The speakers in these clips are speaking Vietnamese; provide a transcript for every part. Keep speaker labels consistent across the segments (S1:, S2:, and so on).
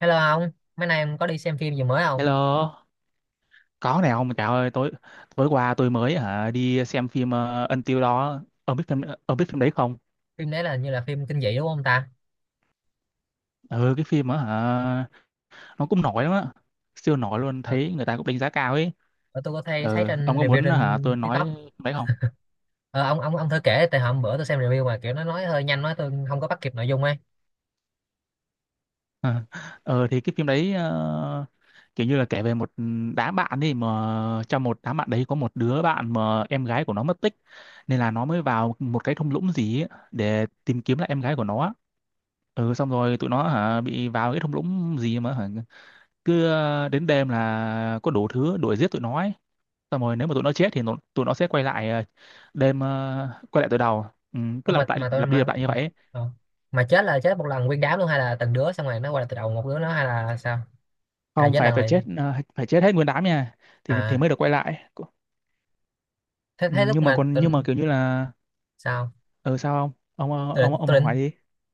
S1: Hello ông, mấy nay ông có đi xem phim gì mới không?
S2: Hello, có này ông Chào ơi, tối tối qua tôi mới đi xem phim Until đó. Ông biết phim đấy không?
S1: Phim đấy là hình như là phim kinh dị đúng không ta?
S2: Ừ cái phim á hả nó cũng nổi lắm á. Siêu nổi luôn,
S1: Ờ,
S2: thấy người ta cũng đánh giá cao ấy.
S1: ờ, tôi có thấy thấy
S2: Ừ, ông
S1: trên
S2: có
S1: review
S2: muốn
S1: trên
S2: tôi
S1: TikTok.
S2: nói phim đấy không?
S1: Ờ, ông thử kể tại hôm bữa tôi xem review mà kiểu nó nói hơi nhanh nói tôi không có bắt kịp nội dung ấy.
S2: Ừ thì cái phim đấy, kiểu như là kể về một đám bạn đi, mà trong một đám bạn đấy có một đứa bạn mà em gái của nó mất tích, nên là nó mới vào một cái thung lũng gì ấy để tìm kiếm lại em gái của nó. Xong rồi tụi nó bị vào cái thung lũng gì mà, cứ đến đêm là có đủ thứ đuổi giết tụi nó ấy. Xong rồi nếu mà tụi nó chết thì tụi nó sẽ quay lại, đêm, quay lại từ đầu, ừ,
S1: Ủa
S2: cứ lặp lại,
S1: mà tôi
S2: lặp đi lặp
S1: mà
S2: lại như vậy ấy.
S1: ờ. Mà chết là chết một lần nguyên đám luôn hay là từng đứa xong rồi nó quay lại từ đầu một đứa nó hay là sao? Hay là
S2: Không
S1: chết
S2: phải
S1: lần
S2: phải
S1: liền?
S2: chết ờ, phải chết hết nguyên đám nha, thì
S1: À,
S2: thì mới được quay lại. Ừ,
S1: thế thế lúc
S2: nhưng mà
S1: mà
S2: còn
S1: tôi
S2: nhưng mà kiểu như là...
S1: sao?
S2: ừ Sao không? ông ông
S1: Tôi định
S2: ông, ông
S1: tôi
S2: hỏi
S1: định
S2: đi.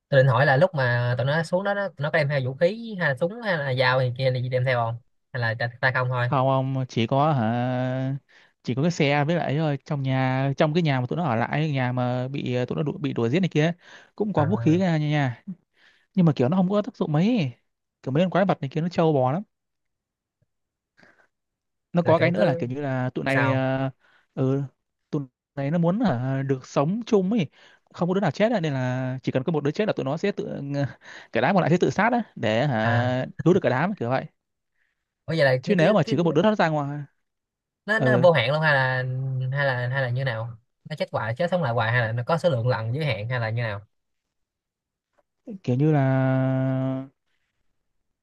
S1: tôi định hỏi là lúc mà tụi nó xuống đó, tụi nó có đem theo vũ khí hay là súng hay là dao gì kia gì đem theo không? Hay là tay tay không thôi?
S2: Không ông chỉ có, cái xe với lại ấy thôi, trong cái nhà mà tụi nó ở lại, nhà mà bị, bị đuổi giết này kia cũng có vũ khí
S1: À,
S2: ra nha nha. Nhưng mà kiểu nó không có tác dụng mấy, kiểu mấy con quái vật này kia nó trâu bò lắm. Nó
S1: là
S2: có cái
S1: kiểu
S2: nữa là
S1: cứ
S2: kiểu như là
S1: sao
S2: ừ tụi này nó muốn, được sống chung ấy, không có đứa nào chết á, nên là chỉ cần có một đứa chết là tụi nó sẽ tự cả đám còn lại sẽ tự sát á để,
S1: à.
S2: cứu được cả đám kiểu vậy.
S1: Bây giờ là nó
S2: Chứ
S1: cứ
S2: nếu mà
S1: cái,
S2: chỉ có một đứa thoát ra ngoài,
S1: nó
S2: ừ,
S1: vô hạn luôn hay là hay là như nào, nó chết hoài chết sống lại hoài hay là nó có số lượng lần giới hạn hay là như nào?
S2: kiểu như là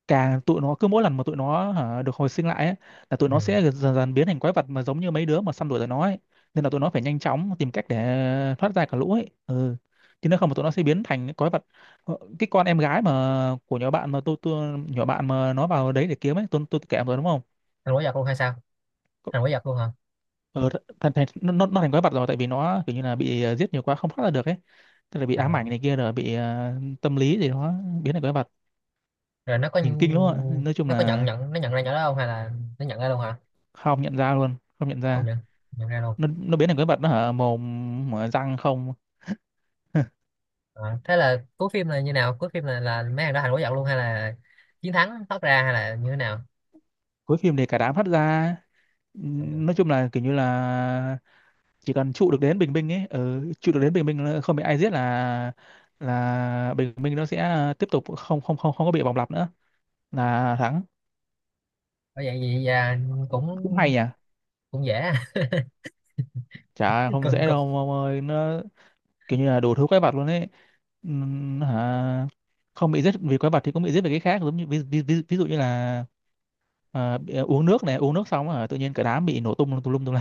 S2: càng tụi nó, cứ mỗi lần mà tụi nó, được hồi sinh lại ấy, là tụi
S1: Ừ.
S2: nó sẽ dần dần biến thành quái vật mà giống như mấy đứa mà săn đuổi tụi nó ấy. Nên là tụi nó phải nhanh chóng tìm cách để thoát ra cả lũ ấy. Ừ. Chứ nếu không mà tụi nó sẽ biến thành những quái vật. Cái con em gái mà của nhỏ bạn mà tôi, nhỏ bạn mà nó vào đấy để kiếm ấy, tôi kể em rồi đúng không?
S1: Thành quái vật luôn hay sao, thành quái vật luôn hả?
S2: Ờ, thành, thành, nó thành quái vật rồi, tại vì nó kiểu như là bị, giết nhiều quá không thoát ra được ấy. Tức là bị ám ảnh
S1: À,
S2: này kia rồi bị, tâm lý gì đó biến thành quái vật.
S1: rồi
S2: Nhìn kinh lắm ạ. Nói chung
S1: nó có nhận
S2: là
S1: nhận nó nhận ra nhỏ đó không hay là nó nhận ra luôn hả?
S2: không nhận ra luôn, không nhận
S1: Không
S2: ra.
S1: nhận Nhận ra luôn.
S2: Nó biến thành quái vật, nó hở mồm mở răng không.
S1: Ờ, thế là cuối phim là như nào, cuối phim là mấy thằng đó thành quái vật luôn hay là chiến thắng thoát ra hay là như thế nào?
S2: Cuối phim thì cả đám hất ra,
S1: Ờ,
S2: nói chung là kiểu như là chỉ cần trụ được đến Bình Minh ấy, trụ được đến Bình Minh là không bị ai giết, là Bình Minh nó sẽ, tiếp tục không không không không có bị bọc lặp nữa, là thắng.
S1: có vậy gì à, cũng
S2: Cũng hay nhỉ.
S1: cũng dễ.
S2: Chả không
S1: cũng,
S2: dễ
S1: cũng
S2: đâu ông ơi, nó kiểu như là đủ thứ quái vật luôn ấy. Hả Không bị giết vì quái vật thì cũng bị giết vì cái khác, giống như ví dụ như là, uống nước xong tự nhiên cả đám bị nổ tung tùm lum tùm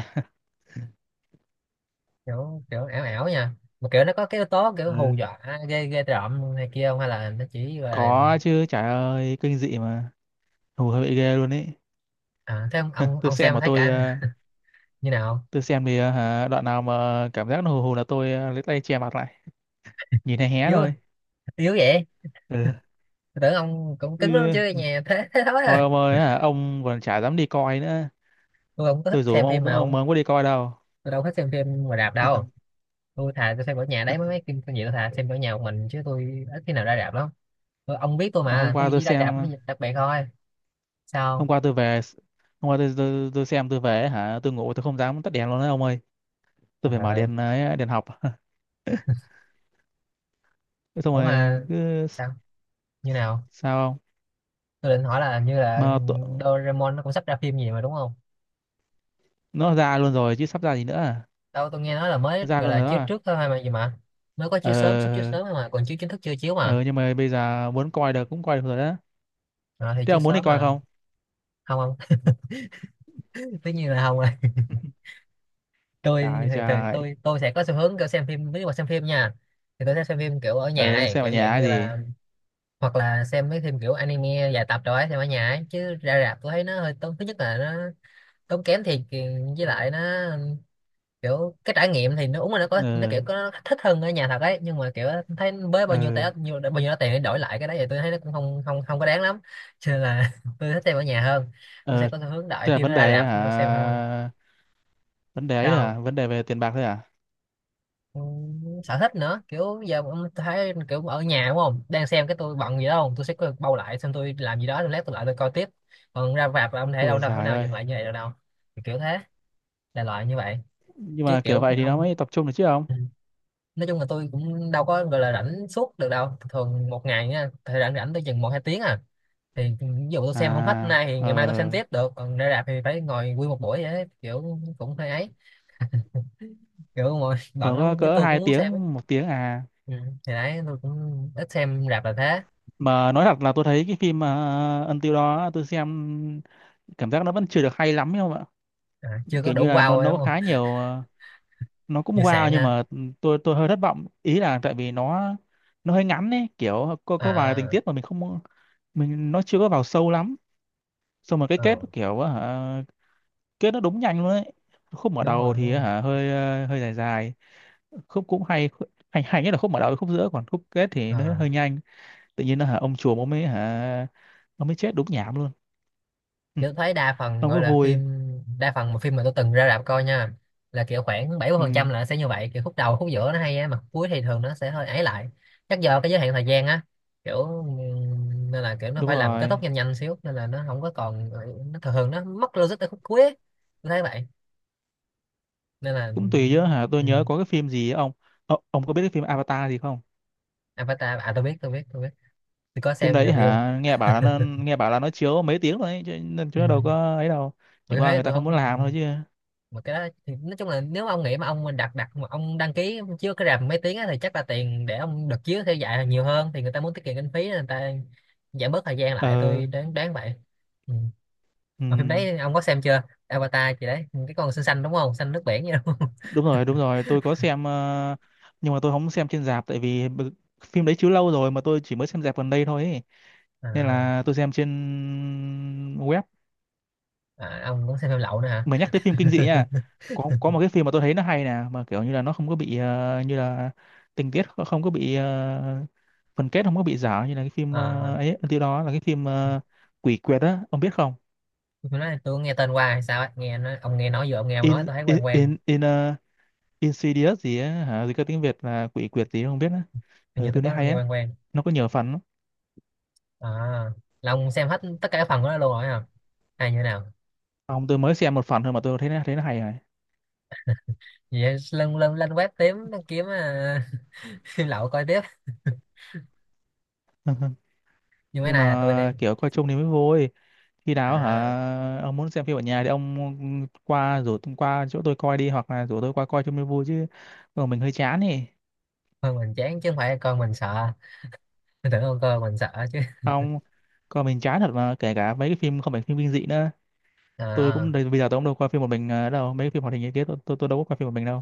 S1: kiểu kiểu ảo ảo nha, mà kiểu nó có cái yếu tố kiểu hù
S2: la.
S1: dọa ghê ghê rợn này kia không hay là nó chỉ là
S2: Có chứ, trời ơi, kinh dị mà. Hù hơi bị ghê luôn ấy.
S1: à, thế ông ông
S2: Tôi
S1: ông
S2: xem
S1: xem
S2: mà
S1: thấy
S2: tôi
S1: cả
S2: ờ,
S1: như nào không?
S2: tôi xem thì, đoạn nào mà cảm giác nó hù hù là tôi, lấy tay che mặt lại, nhìn hé hé
S1: Yếu
S2: thôi.
S1: Yếu vậy,
S2: Ừ.
S1: tôi tưởng ông cũng cứng lắm
S2: Chứ
S1: chứ, nhà thế thế thôi
S2: thôi
S1: à?
S2: ông ơi, ông còn chả dám đi coi nữa.
S1: Tôi không có thích
S2: Tôi rủ
S1: xem phim
S2: ông,
S1: mà ông,
S2: không có đi coi đâu.
S1: tôi đâu thích xem phim ngoài rạp đâu. Tôi thà tôi xem ở nhà đấy, mấy mấy phim phim gì tôi thà xem ở nhà một mình chứ tôi ít khi nào ra rạp lắm. Tôi, ông biết tôi
S2: Mà hôm
S1: mà,
S2: qua
S1: tôi
S2: tôi
S1: chỉ ra rạp với
S2: xem,
S1: dịp đặc biệt thôi.
S2: hôm
S1: Sao?
S2: qua tôi về hôm qua tôi xem tôi về hả, tôi ngủ tôi không dám tắt đèn luôn đấy ông ơi. Tôi
S1: Trời
S2: phải mở
S1: ơi.
S2: đèn, đèn học. Thế, xong
S1: Ủa
S2: rồi,
S1: mà
S2: cứ
S1: sao, như nào?
S2: sao không?
S1: Tôi định hỏi là như là
S2: Mà tụ-
S1: Doraemon nó cũng sắp ra phim gì mà đúng không?
S2: nó ra luôn rồi chứ sắp ra gì nữa à?
S1: Đâu tôi nghe nói là mới
S2: Nó ra
S1: gọi
S2: luôn
S1: là
S2: rồi đó
S1: chiếu
S2: à?
S1: trước thôi mà, gì mà mới có
S2: ờ
S1: chiếu sớm, xuất chiếu sớm thôi mà còn chiếu chính thức chưa chiếu mà.
S2: ờ nhưng mà bây giờ muốn coi được cũng coi được rồi đó.
S1: Ờ, thì
S2: Thế
S1: chiếu
S2: ông muốn đi
S1: sớm
S2: coi
S1: mà.
S2: không?
S1: Không không tất nhiên là không rồi. Tôi
S2: Trời
S1: thì
S2: trời.
S1: tôi sẽ có xu hướng kiểu xem phim ví mà xem phim nha, thì tôi sẽ xem phim kiểu ở nhà
S2: Ờ anh
S1: ấy,
S2: xem ở
S1: kiểu
S2: nhà
S1: dạng
S2: hay
S1: như
S2: gì?
S1: là hoặc là xem mấy phim kiểu anime dài tập rồi ấy, xem ở nhà ấy. Chứ ra rạp tôi thấy nó hơi tốn, thứ nhất là nó tốn kém thiệt, với lại nó kiểu cái trải nghiệm thì nó uống là nó có, nó
S2: ờ
S1: kiểu có nó thích hơn ở nhà thật ấy, nhưng mà kiểu thấy với bao nhiêu
S2: ờ
S1: té nhiều bao nhiêu đó tiền để đổi lại cái đấy thì tôi thấy nó cũng không không không có đáng lắm cho nên là tôi thích xem ở nhà hơn. Tôi sẽ
S2: ờ
S1: có xu hướng đợi
S2: Thế là
S1: khi
S2: vấn
S1: nó ra
S2: đề,
S1: rạp tôi xem hơn.
S2: vấn đề ấy
S1: Sao?
S2: là vấn đề về tiền bạc thôi à?
S1: Ừ, sở thích nữa kiểu giờ mà tôi thấy kiểu ở nhà đúng không, đang xem cái tôi bận gì đó không tôi sẽ có bao lại xem, tôi làm gì đó xong lát tôi lại tôi coi tiếp, còn ra rạp là ông thể đâu
S2: Ôi
S1: đâu thể
S2: giời
S1: nào
S2: ơi.
S1: dừng lại như vậy được đâu. Thì kiểu thế là loại như vậy.
S2: Nhưng
S1: Chứ
S2: mà kiểu
S1: kiểu
S2: vậy thì nó
S1: ông,
S2: mới tập trung được chứ không.
S1: ừ, nói chung là tôi cũng đâu có gọi là rảnh suốt được đâu, thường một ngày nha thời rảnh rảnh tôi chừng một hai tiếng à, thì ừ, ví dụ tôi xem không hết
S2: À,
S1: nay thì ngày mai tôi xem tiếp được, còn ra rạp thì phải ngồi nguyên một buổi vậy đấy. Kiểu cũng hơi ấy, kiểu ngồi bận
S2: còn
S1: lắm
S2: có
S1: nhưng
S2: cỡ
S1: tôi cũng
S2: hai
S1: muốn xem ấy.
S2: tiếng 1 tiếng à?
S1: Ừ, thì đấy tôi cũng ít xem rạp là thế.
S2: Mà nói thật là tôi thấy cái phim Until đó, tôi xem cảm giác nó vẫn chưa được hay lắm ấy không ạ.
S1: À, chưa có
S2: Kiểu như
S1: đủ
S2: là
S1: wow
S2: nó
S1: rồi
S2: nó có
S1: đúng
S2: khá
S1: không?
S2: nhiều, nó cũng
S1: Vừa
S2: wow,
S1: sạn
S2: nhưng
S1: ha.
S2: mà, tôi hơi thất vọng ý là tại vì nó hơi ngắn ấy, kiểu có vài tình
S1: À,
S2: tiết mà mình không, mình nó chưa có vào sâu lắm. Xong rồi cái kết nó
S1: ừ.
S2: kiểu á hả, kết nó đúng nhanh luôn ấy. Khúc mở
S1: Đúng
S2: đầu
S1: rồi, đúng
S2: thì á
S1: rồi.
S2: hả hơi dài dài, khúc cũng hay. Hay nhất là khúc mở đầu với khúc giữa, còn khúc kết thì nó
S1: À,
S2: hơi nhanh. Tự nhiên nó, ông chùa ông mới, ông mới chết đúng nhảm luôn. ừ,
S1: kiểu thấy đa phần
S2: ông
S1: gọi
S2: có
S1: là
S2: vui.
S1: phim, đa phần mà phim mà tôi từng ra rạp coi nha là kiểu khoảng bảy mươi
S2: ừ,
S1: phần trăm là nó sẽ như vậy, kiểu khúc đầu khúc giữa nó hay á mà khúc cuối thì thường nó sẽ hơi ấy lại. Chắc do cái giới hạn thời gian á, kiểu nên là kiểu nó
S2: Đúng
S1: phải làm kết
S2: rồi.
S1: thúc nhanh nhanh xíu nên là nó không có còn, nó thường thường nó mất logic ở khúc cuối á, tôi thấy vậy, nên là
S2: Cũng tùy chứ, tôi
S1: ừ.
S2: nhớ có cái phim gì ấy, ông. Ông có biết cái phim Avatar gì không?
S1: Avatar à, tôi biết, tôi có
S2: Phim
S1: xem
S2: đấy
S1: review.
S2: nghe bảo là, nó chiếu mấy tiếng rồi ấy chứ, nên chứ
S1: Ừ,
S2: nó đâu có ấy đâu.
S1: mà
S2: Chẳng
S1: cái
S2: qua
S1: thế
S2: người ta
S1: tôi
S2: không muốn
S1: không, ừ,
S2: làm thôi chứ.
S1: mà cái đó thì nói chung là nếu mà ông nghĩ mà ông đặt đặt mà ông đăng ký chiếu cái rạp mấy tiếng á, thì chắc là tiền để ông được chiếu theo dạy là nhiều hơn, thì người ta muốn tiết kiệm kinh phí nên người ta giảm bớt thời gian lại,
S2: ờ
S1: tôi đoán đoán vậy. Ừ,
S2: ừ,
S1: mà phim đấy ông có xem chưa? Avatar chị đấy cái con xinh xanh đúng không, xanh nước biển vậy đúng không?
S2: đúng rồi đúng rồi, tôi có xem, nhưng mà tôi không xem trên rạp tại vì phim đấy chiếu lâu rồi mà tôi chỉ mới xem rạp gần đây thôi ấy. Nên
S1: À,
S2: là tôi xem trên web.
S1: à, ông cũng xem phim lậu nữa hả?
S2: Mà nhắc tới phim kinh dị nha, có một cái phim mà tôi thấy nó hay nè, mà kiểu như là nó không có bị, như là tình tiết, không có bị, phần kết không có bị giả, như là cái phim,
S1: À,
S2: ấy tiêu đó là cái phim, quỷ quyệt á, ông biết không?
S1: phim đó tôi nghe tên qua hay sao á, nghe nó, ông nghe nói vừa ông nghe ông nói
S2: in
S1: tôi thấy
S2: in
S1: quen
S2: in
S1: quen.
S2: in ờ, Insidious gì á hả, gì có tiếng Việt là quỷ quyệt gì không biết á.
S1: Hình
S2: Ừ,
S1: như
S2: tôi
S1: tôi
S2: thấy
S1: có
S2: hay
S1: nghe
S2: á.
S1: quen quen.
S2: Nó có nhiều phần lắm.
S1: À, là ông xem hết tất cả các phần của nó luôn rồi hả, hay như thế nào?
S2: Không, tôi mới xem một phần thôi mà tôi thấy nó hay rồi.
S1: Vậy lên lên lên web tím kiếm à, phim lậu coi tiếp. Nhưng cái
S2: Nhưng
S1: này là tôi đang
S2: mà kiểu coi chung thì mới vui, khi nào
S1: à,
S2: ông muốn xem phim ở nhà thì ông qua chỗ tôi coi đi, hoặc là rủ tôi qua coi cho mới vui chứ. Còn mình hơi chán thì.
S1: thôi mình chán chứ không phải con mình sợ. Tôi tưởng con coi mình sợ chứ.
S2: Không, còn mình chán thật, mà kể cả mấy cái phim không phải phim kinh dị nữa, tôi
S1: À,
S2: cũng bây giờ tôi cũng đâu coi phim một mình, đâu mấy cái phim hoạt hình như thế tôi đâu có coi phim một mình đâu.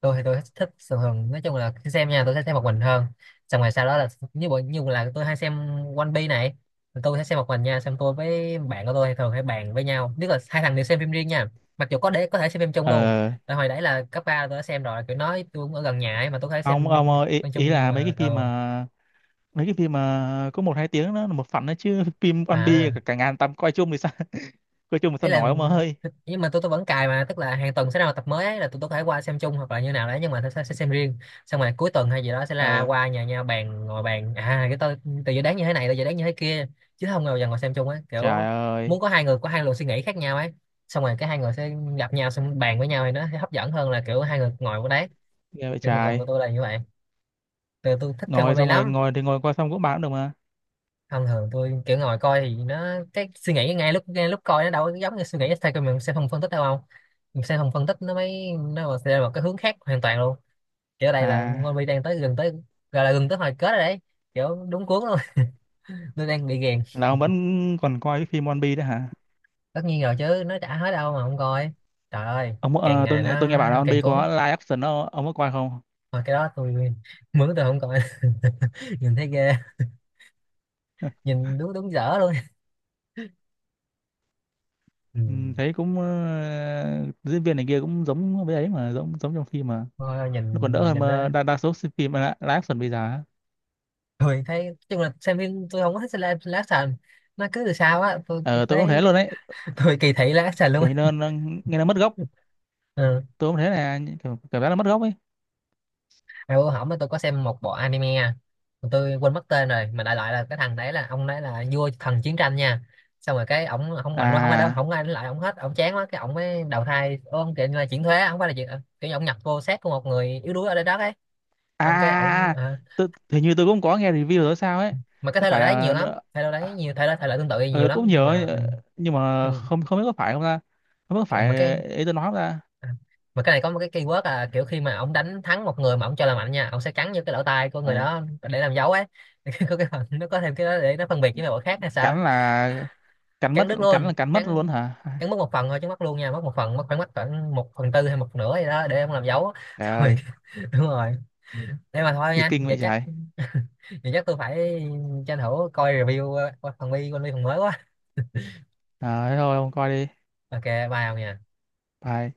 S1: tôi thì tôi thích thích thường thường nói chung là khi xem nha tôi sẽ xem một mình hơn. Xong rồi sau đó là như bộ như là tôi hay xem One Piece này, tôi sẽ xem một mình nha, xong tôi với bạn của tôi thường hay bàn với nhau, tức là hai thằng đều xem phim riêng nha, mặc dù có để có thể xem phim chung
S2: ờ
S1: luôn. Tại hồi đấy là cấp ba tôi đã xem rồi, kiểu nói tôi cũng ở gần nhà ấy mà tôi có thể xem
S2: Không ông ơi, ý,
S1: phim chung
S2: ý
S1: nhưng
S2: là mấy cái
S1: mà
S2: phim
S1: ờ
S2: mà, mấy cái phim mà có 1-2 tiếng nó là một phần đó chứ. Phim One Piece
S1: à,
S2: cả ngàn tập coi chung thì sao? Coi chung thì
S1: ý
S2: sao nói
S1: là
S2: ông ơi?
S1: nhưng mà tôi vẫn cài mà, tức là hàng tuần sẽ ra một tập mới ấy, là tôi có thể qua xem chung hoặc là như nào đấy, nhưng mà tôi sẽ xem riêng. Xong rồi cuối tuần hay gì đó sẽ là
S2: ờ
S1: qua nhà nhau bàn, ngồi bàn à cái tôi từ dự đoán như thế này tôi dự đoán như thế kia, chứ không bao giờ ngồi xem chung ấy,
S2: Trời
S1: kiểu
S2: ơi.
S1: muốn có hai người có hai luồng suy nghĩ khác nhau ấy, xong rồi cái hai người sẽ gặp nhau xong bàn với nhau thì nó sẽ hấp dẫn hơn là kiểu hai người ngồi ở đấy.
S2: Ghê vậy
S1: Kiểu thường thường của
S2: trời.
S1: tôi là như vậy. Tôi thích xem One
S2: Ngồi
S1: Way
S2: xong rồi
S1: lắm.
S2: ngồi coi xong cũng bán được mà.
S1: Thông thường tôi kiểu ngồi coi thì nó cái suy nghĩ ngay lúc coi nó đâu có giống như suy nghĩ theo, cái mình sẽ không phân tích đâu không, mình sẽ không phân tích nó mới, nó mà sẽ là một cái hướng khác hoàn toàn luôn. Kiểu ở đây là
S2: À,
S1: Moby đang tới, gần tới, gọi là gần tới hồi kết rồi đấy, kiểu đúng cuốn luôn. Tôi đang bị ghiền.
S2: là ông vẫn còn coi cái phim One Piece đấy hả?
S1: Tất nhiên rồi chứ, nó chả hết đâu mà không coi. Trời ơi, càng ngày
S2: Tôi
S1: nó
S2: nghe bảo là One
S1: càng
S2: Piece có
S1: cuốn.
S2: live action đó, ông có coi không?
S1: Mà cái đó tôi mướn tôi không coi. Nhìn thấy ghê, nhìn đúng đúng dở luôn. Ừ,
S2: Ừ, thấy cũng, diễn viên này kia cũng giống với ấy mà giống giống trong phim mà.
S1: thôi
S2: Nó còn
S1: nhìn
S2: đỡ hơn
S1: nhìn nó
S2: mà đa số phim live live action bây giờ á.
S1: tôi thấy nói chung là xem phim tôi không có thích xem live live action. Nó cứ từ sau á tôi
S2: Ờ, tôi cũng thế
S1: thấy,
S2: luôn đấy.
S1: tôi kỳ thị live action luôn
S2: Kiểu như
S1: á.
S2: nó nghe nó mất gốc.
S1: Ừ.
S2: Tôi cũng thế, là kiểu, cảm giác nó mất gốc ấy.
S1: À, bữa hổm tôi có xem một bộ anime à. Mà tôi quên mất tên rồi, mà đại loại là cái thằng đấy là ông đấy là vua thần chiến tranh nha, xong rồi cái ổng không mạnh quá không ai đó
S2: À,
S1: không ai đánh lại ổng hết, ổng chán quá cái ổng mới đầu thai ông kiểu như là chuyển thuế không phải là chuyện kiểu như ổng nhập vô xác của một người yếu đuối ở đây đó ấy, xong cái
S2: à, à,
S1: ổng
S2: à,
S1: à,
S2: hình như tôi cũng có nghe review rồi sao ấy.
S1: mà cái
S2: Có
S1: thể
S2: phải
S1: loại đấy nhiều
S2: là,
S1: lắm, thể loại đấy nhiều, thể loại tương tự nhiều
S2: ừ,
S1: lắm
S2: cũng
S1: nhưng
S2: nhiều ấy,
S1: mà, ừ,
S2: nhưng mà
S1: nhưng
S2: không không biết có phải không ta? Không biết có
S1: mà cái
S2: phải ý tôi nói không ta?
S1: À, mà cái này có một cái keyword là kiểu khi mà ông đánh thắng một người mà ông cho là mạnh nha, ông sẽ cắn vô cái lỗ tai của người
S2: Ừ.
S1: đó để làm dấu ấy. Có cái phần nó có thêm cái đó để nó phân biệt với mấy khác hay sao ấy.
S2: cắn là
S1: Cắn đứt
S2: Cắn
S1: luôn,
S2: là cắn mất luôn
S1: cắn
S2: hả?
S1: cắn mất một phần thôi chứ mất luôn nha, mất một phần, mất khoảng một phần tư hay một nửa gì đó để ông làm dấu.
S2: Trời
S1: Rồi,
S2: ơi.
S1: đúng rồi, thế mà thôi
S2: Thì
S1: nha,
S2: kinh vậy trời.
S1: vậy chắc tôi phải tranh thủ coi review. Ờ, phần bi con bi phần mới quá.
S2: À, thôi không coi đi.
S1: Ok bye ông nha.
S2: Bye.